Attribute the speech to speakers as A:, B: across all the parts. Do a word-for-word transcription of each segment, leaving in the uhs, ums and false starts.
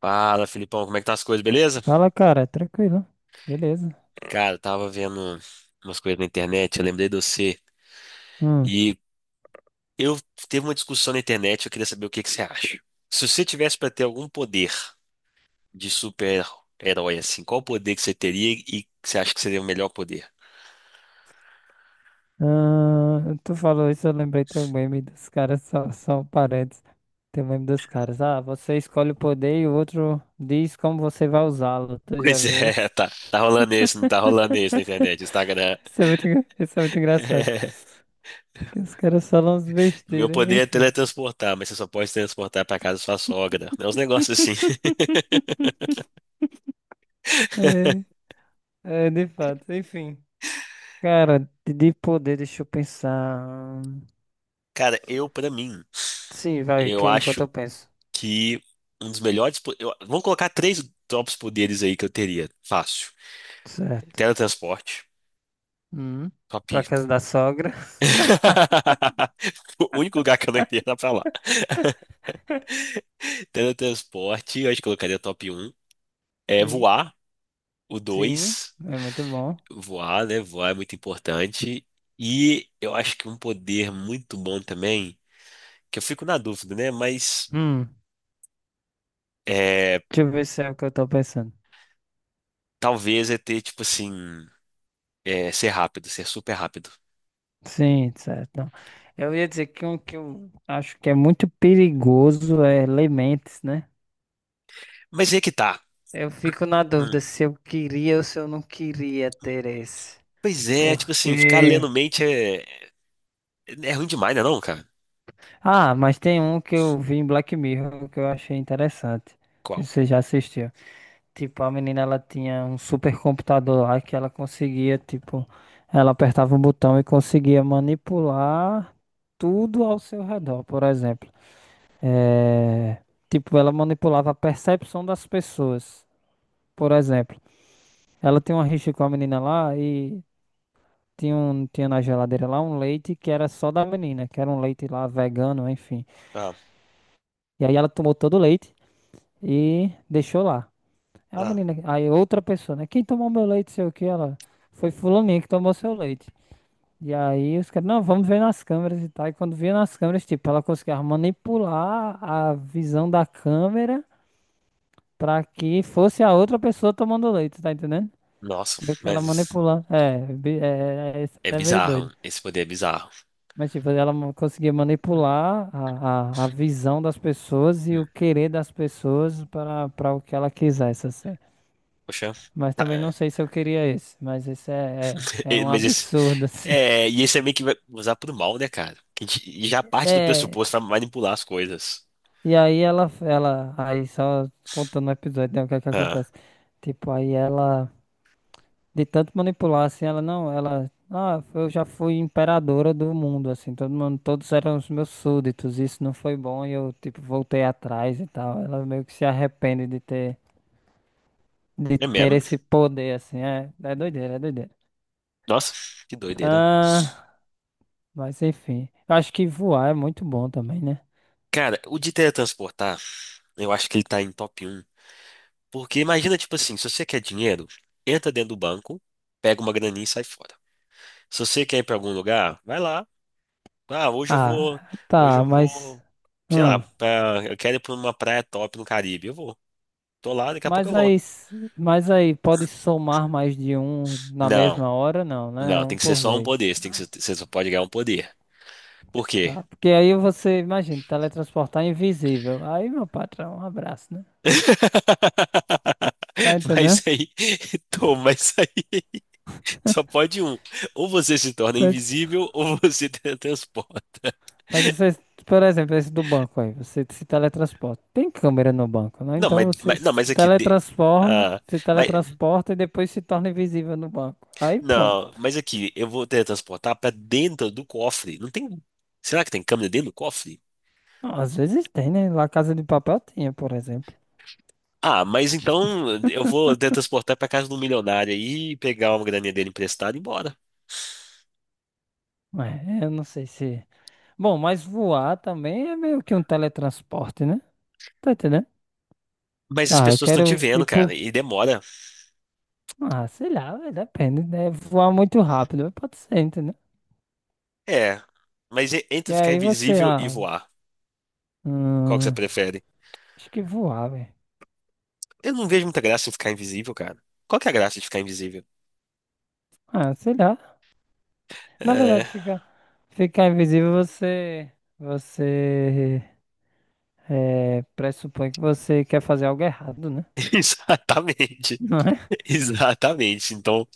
A: Fala, Filipão, como é que tá as coisas, beleza?
B: Fala, cara, tranquilo. Beleza.
A: Cara, eu tava vendo umas coisas na internet, eu lembrei de você.
B: Hum.
A: E eu teve uma discussão na internet, eu queria saber o que que você acha. Se você tivesse pra ter algum poder de super-herói, assim, qual poder que você teria e que você acha que seria o melhor poder?
B: Ah, tu falou isso, eu lembrei teu meme dos caras, só, só parentes. Tem o meme dos caras. Ah, você escolhe o poder e o outro diz como você vai usá-lo. Tu já
A: Pois
B: viu
A: é,
B: esse?
A: tá, tá rolando isso, não tá rolando isso na internet, Instagram.
B: Isso é muito, engra- isso é muito engraçado. Que os caras falam uns
A: Meu
B: besteiras,
A: poder é
B: enfim.
A: teletransportar, mas você só pode transportar pra casa da sua sogra. É uns negócios assim.
B: É, é, de fato, enfim. Cara, de de poder, deixa eu pensar.
A: Cara, eu, pra mim,
B: Sim, vai, que
A: eu
B: eu- enquanto
A: acho
B: eu penso.
A: que um dos melhores. Po- eu- vamos colocar três tops poderes aí que eu teria. Fácil.
B: Certo.
A: Teletransporte.
B: Hum.
A: Top.
B: Pra casa da sogra.
A: O único lugar que eu não iria era pra lá. Teletransporte, eu acho que eu colocaria top um. É
B: Sim.
A: voar, o
B: Sim.
A: dois.
B: É muito bom.
A: Voar, né? Voar é muito importante. E eu acho que um poder muito bom também, que eu fico na dúvida, né? Mas
B: Hum.
A: é,
B: Deixa eu ver se é o que eu tô pensando.
A: talvez é ter, tipo assim, é, ser rápido, ser super rápido.
B: Sim, certo. Não. Eu ia dizer que um que eu acho que é muito perigoso é Lementes, né?
A: Mas aí é que tá.
B: Eu fico na
A: Hum.
B: dúvida se eu queria ou se eu não queria ter esse.
A: Pois é, tipo assim, ficar
B: Porque.
A: lendo mente é, é ruim demais, né não, cara?
B: Ah, mas tem um que eu vi em Black Mirror que eu achei interessante. Se
A: Qual?
B: você já assistiu. Tipo, a menina ela tinha um super computador lá que ela conseguia, tipo, ela apertava um botão e conseguia manipular tudo ao seu redor, por exemplo. É, tipo, ela manipulava a percepção das pessoas. Por exemplo, ela tinha uma rixa com a menina lá e tinha, um, tinha na geladeira lá um leite que era só da menina, que era um leite lá vegano, enfim.
A: Ah,
B: E aí ela tomou todo o leite e deixou lá. É uma
A: ah.
B: menina. Aí outra pessoa, né? Quem tomou meu leite, sei o que, ela. Foi fulaninha que tomou seu leite. E aí os caras, não, vamos ver nas câmeras e tal. E quando via nas câmeras, tipo, ela conseguia manipular a visão da câmera pra que fosse a outra pessoa tomando leite, tá entendendo?
A: Nossa,
B: Meio que ela
A: mas
B: manipula. É, bi- é, é, isso
A: é
B: é meio doido.
A: bizarro. Esse poder é bizarro.
B: Mas, tipo, ela ma- conseguia manipular a, a, a visão das pessoas e
A: Hum.
B: o querer das pessoas para para o que ela quisesse, assim.
A: Poxa.
B: Mas
A: Tá,
B: também não
A: é,
B: sei se eu queria esse. Mas esse é, é, é
A: E-
B: um
A: mas esse.
B: absurdo, assim.
A: É, e esse é meio que vai usar pro mal, né, cara? Que a gente e já parte do
B: É.
A: pressuposto pra manipular as coisas.
B: E aí ela, ela. Aí só contando o episódio, né? O que é que
A: Ah,
B: acontece? Tipo, aí ela. De tanto manipular, assim, ela não. Ela. Ah, eu já fui imperadora do mundo, assim. Todo mundo, todos eram os meus súditos. Isso não foi bom e eu, tipo, voltei atrás e tal. Ela meio que se arrepende de ter. De
A: é
B: ter
A: mesmo?
B: esse poder, assim. É, é doideira, é doideira.
A: Nossa, que doideira.
B: Ah, mas enfim. Eu acho que voar é muito bom também, né?
A: Cara, o de teletransportar, eu acho que ele tá em top um. Porque imagina, tipo assim, se você quer dinheiro, entra dentro do banco, pega uma graninha e sai fora. Se você quer ir para algum lugar, vai lá. Ah, hoje eu vou,
B: Ah,
A: hoje
B: tá,
A: eu
B: mas.
A: vou, sei lá,
B: Hum,
A: pra- eu quero ir para uma praia top no Caribe. Eu vou. Tô lá, daqui a pouco eu
B: mas aí,
A: volto.
B: s- mas aí, pode somar mais de um na
A: Não,
B: mesma hora? Não, né? É
A: não,
B: um
A: tem que ser
B: por
A: só um
B: vez.
A: poder. Você tem que
B: Tá.
A: ser- Você só pode ganhar um poder. Por quê?
B: Tá. Porque aí você, imagina, teletransportar é invisível. Aí, meu patrão, um abraço, né? Tá
A: Mas
B: entendendo?
A: aí, toma isso aí. Só pode um. Ou você se torna
B: Tá ent-
A: invisível ou você teletransporta.
B: Mas você, por exemplo, esse do banco aí, você se teletransporta. Tem câmera no banco, né?
A: Não,
B: Então
A: mas,
B: você
A: mas- não,
B: se
A: mas aqui. de-
B: teletransforma,
A: Ah,
B: se
A: mas,
B: teletransporta e depois se torna invisível no banco. Aí pronto.
A: Não, mas aqui, eu vou teletransportar pra dentro do cofre. Não tem. Será que tem câmera dentro do cofre?
B: Não, às vezes tem, né? Lá Casa de Papel tinha, por exemplo.
A: Ah, mas então eu vou teletransportar pra casa do milionário e pegar uma graninha dele emprestada e ir embora.
B: É, eu não sei se. Bom, mas voar também é meio que um teletransporte, né? Tá entendendo?
A: Mas as
B: Tá, eu
A: pessoas estão te
B: quero ir
A: vendo, cara,
B: pro.
A: e demora.
B: Ah, sei lá, velho, depende, né? Voar muito rápido, pode ser, entendeu?
A: É, mas e-
B: E
A: entre ficar
B: aí você,
A: invisível e
B: ah,
A: voar, qual que você
B: hum,
A: prefere?
B: acho que voar, velho.
A: Eu não vejo muita graça em ficar invisível, cara. Qual que é a graça de ficar invisível?
B: Ah, sei lá. Na
A: É,
B: verdade, fica, ficar invisível, você, você é, pressupõe que você quer fazer algo errado, né?
A: exatamente,
B: Não é?
A: exatamente. Então,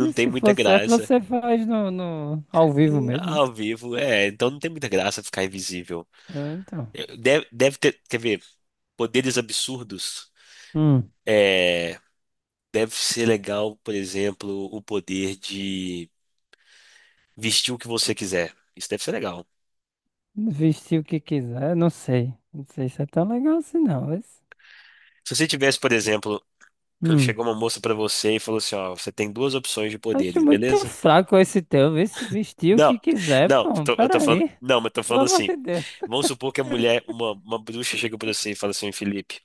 B: E
A: tem
B: se
A: muita
B: for certo,
A: graça.
B: você faz no, no ao vivo mesmo, né?
A: Ao vivo, é. Então não tem muita graça ficar invisível.
B: É, então.
A: Deve, deve ter, quer ver, poderes absurdos.
B: Hum.
A: É, deve ser legal, por exemplo, o poder de vestir o que você quiser. Isso deve ser legal.
B: Vestir o que quiser, não sei. Não sei se é tão legal assim, não. Mas.
A: Se você tivesse, por exemplo,
B: Hum.
A: chegou uma moça pra você e falou assim, ó, você tem duas opções de
B: Acho
A: poderes,
B: muito
A: beleza?
B: fraco esse teu. Vê se vestir o
A: Não,
B: que quiser,
A: não,
B: pô.
A: tô- eu tô falando,
B: Peraí.
A: não, mas tô
B: Pelo
A: falando
B: amor
A: assim.
B: de Deus.
A: Vamos supor que a mulher, uma, uma bruxa chega pra você e fala assim, Felipe,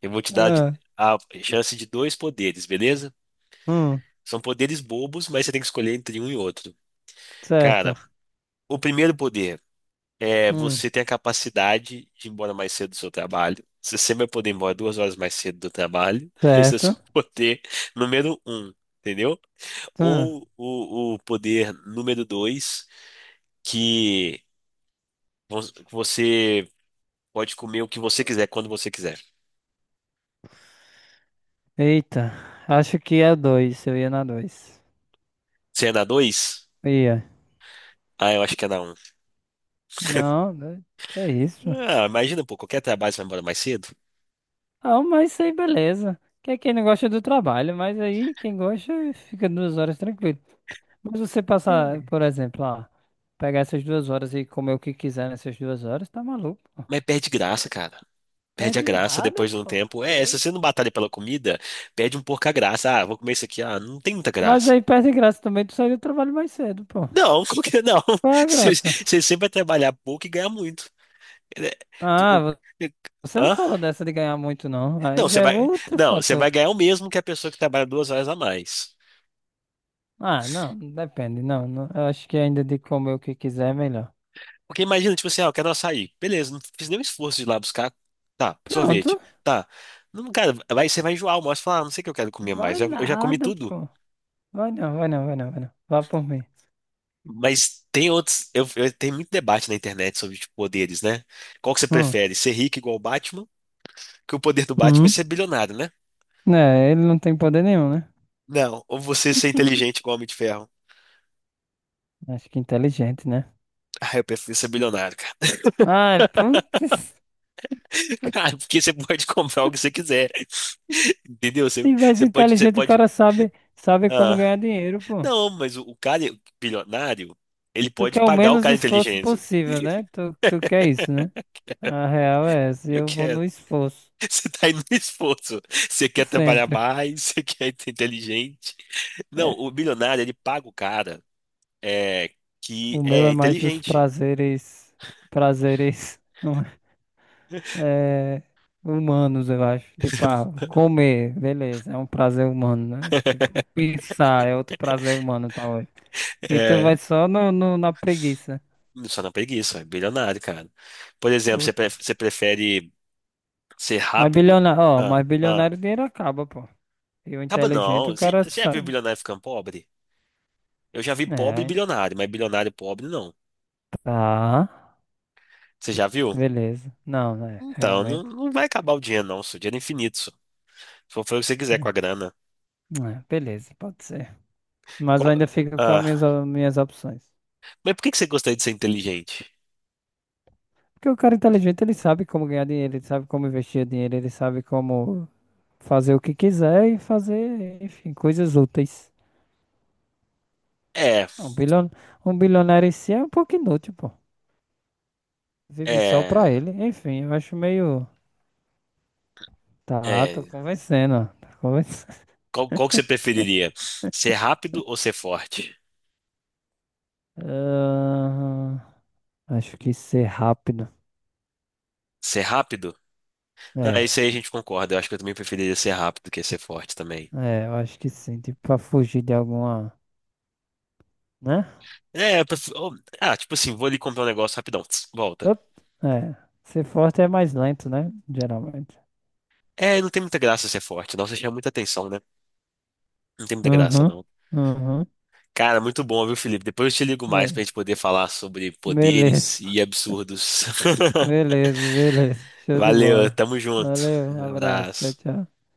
A: eu vou te dar de-
B: Ah,
A: a chance de dois poderes, beleza?
B: hum,
A: São poderes bobos, mas você tem que escolher entre um e outro. Cara,
B: certo.
A: o primeiro poder é
B: Hum,
A: você ter a capacidade de ir embora mais cedo do seu trabalho. Você sempre vai poder ir embora duas horas mais cedo do trabalho. Esse é o seu
B: certo.
A: poder número um, entendeu?
B: Hum.
A: Ou o, o poder número dois, que vo- você pode comer o que você quiser quando você quiser.
B: Eita, acho que é dois. Eu ia na dois.
A: Você é na dois?
B: Ia.
A: Ah, eu acho que é na um.
B: Não, né, que é isso?
A: Ah, imagina, pô, qualquer trabalho você vai embora mais cedo.
B: Ah, mas isso aí, beleza. Que é quem não gosta do trabalho, mas aí quem gosta fica duas horas tranquilo. Mas você passar,
A: É.
B: por exemplo, ó, pegar essas duas horas e comer o que quiser nessas duas horas, tá maluco? Pô.
A: Mas perde graça, cara. Perde a
B: Perde
A: graça
B: nada,
A: depois de um
B: pô, tá
A: tempo. É, se
B: doido.
A: você não batalha pela comida, perde um pouco a graça. Ah, vou comer isso aqui. Ah, não tem muita
B: Mas
A: graça.
B: aí perde graça também, tu sair do trabalho mais cedo, pô.
A: Não, como que não?
B: Qual é a
A: Você,
B: graça?
A: você sempre vai trabalhar pouco e ganhar muito. É,
B: Ah,
A: tu-
B: vo- você não
A: Hã?
B: falou dessa de ganhar muito, não. Aí
A: Não,
B: já
A: você
B: é
A: vai,
B: outro
A: não, você
B: fator.
A: vai
B: Pô.
A: ganhar o mesmo que a pessoa que trabalha duas horas a mais.
B: Ah, não, depende, não, não. Eu acho que ainda de comer o que quiser é melhor.
A: Porque imagina, tipo assim, ah, eu quero um açaí. Beleza, não fiz nenhum esforço de ir lá buscar. Tá, sorvete.
B: Pronto.
A: Tá. Não, cara, vai, você vai enjoar o almoço e falar, ah, não sei o que eu quero comer
B: Vai
A: mais. Eu, eu já comi
B: nada,
A: tudo.
B: pô. Vai não, vai não, vai não, vai não. Vá por mim.
A: Mas tem outros. Eu, eu- tem muito debate na internet sobre tipo, poderes, né? Qual que você
B: Hum.
A: prefere? Ser rico igual o Batman? Que o poder do Batman é
B: Hum.
A: ser bilionário, né?
B: É, ele não tem poder nenhum, né?
A: Não, ou você ser inteligente igual o Homem de Ferro.
B: Acho que inteligente, né?
A: Ah, eu prefiro ser bilionário, cara.
B: Ai, putz.
A: Cara, porque você pode comprar o que você quiser. Entendeu? Você,
B: Se mais
A: você pode, você
B: inteligente, o
A: pode.
B: cara sabe, sabe como
A: Ah,
B: ganhar dinheiro, pô.
A: não, mas o, o cara bilionário, ele
B: Tu
A: pode
B: quer o
A: pagar o
B: menos
A: cara
B: esforço
A: inteligente.
B: possível, né? Tu, tu quer isso, né? A real é essa. E
A: Eu
B: eu vou
A: quero.
B: no esforço.
A: Você tá indo no esforço. Você quer trabalhar
B: Sempre.
A: mais, você quer ser inteligente. Não,
B: É,
A: o bilionário, ele paga o cara é, que
B: o meu
A: é
B: é mais dos
A: inteligente.
B: prazeres. Prazeres. É, humanos, eu acho. Tipo, ah, comer, beleza. É um prazer humano, né? Tipo, pensar é outro prazer humano, talvez. E tu vai
A: É,
B: só no, no- na preguiça.
A: só na preguiça, é bilionário, cara. Por exemplo, você, pre- você
B: Putz.
A: prefere ser
B: Mas
A: rápido?
B: bilionário, ó,
A: Ah,
B: mas
A: ah.
B: bilionário o dinheiro acaba, pô. E o
A: Acaba não.
B: inteligente o
A: Você,
B: cara
A: você já viu
B: sabe.
A: bilionário ficando pobre? Eu já vi pobre
B: É,
A: bilionário, mas bilionário pobre não.
B: tá.
A: Você já viu?
B: Beleza. Não, né?
A: Então, não,
B: Realmente.
A: não vai acabar o dinheiro, não. Isso, o dinheiro é infinito. Isso. Só foi o que você quiser com
B: É,
A: a grana.
B: é, beleza, pode ser. Mas eu
A: Co-
B: ainda fico com as
A: Ah,
B: minhas, as minhas opções.
A: mas por que que você gostaria de ser inteligente?
B: Porque o cara inteligente, ele sabe como ganhar dinheiro, ele sabe como investir dinheiro, ele sabe como fazer o que quiser e fazer, enfim, coisas úteis.
A: É,
B: Um bilhon, um bilionário em si é um pouco inútil, pô. Vive só
A: é,
B: pra ele. Enfim, eu acho meio. Tá, tô
A: é.
B: convencendo. Ó. Tô convencendo.
A: Qual, qual que você preferiria? Ser rápido ou ser forte?
B: Ahn, acho que ser rápido.
A: Ser rápido? Não, é
B: É,
A: isso aí a gente concorda. Eu acho que eu também preferiria ser rápido que ser forte também.
B: é, eu acho que sim. Tipo, pra fugir de alguma. Né?
A: É, eu pref- oh, ah, tipo assim, vou ali comprar um negócio rapidão. Tss, volta.
B: Op, é. Ser forte é mais lento, né? Geralmente.
A: É, não tem muita graça ser forte, não. Você chama muita atenção, né? Não tem muita graça,
B: Uhum,
A: não.
B: uhum.
A: Cara, muito bom, viu, Felipe? Depois eu te ligo mais pra
B: É.
A: gente poder falar sobre poderes
B: Beleza,
A: e absurdos.
B: beleza, beleza. Show de
A: Valeu,
B: bola.
A: tamo junto.
B: Valeu, um abraço. Tchau,
A: Abraço.
B: tchau.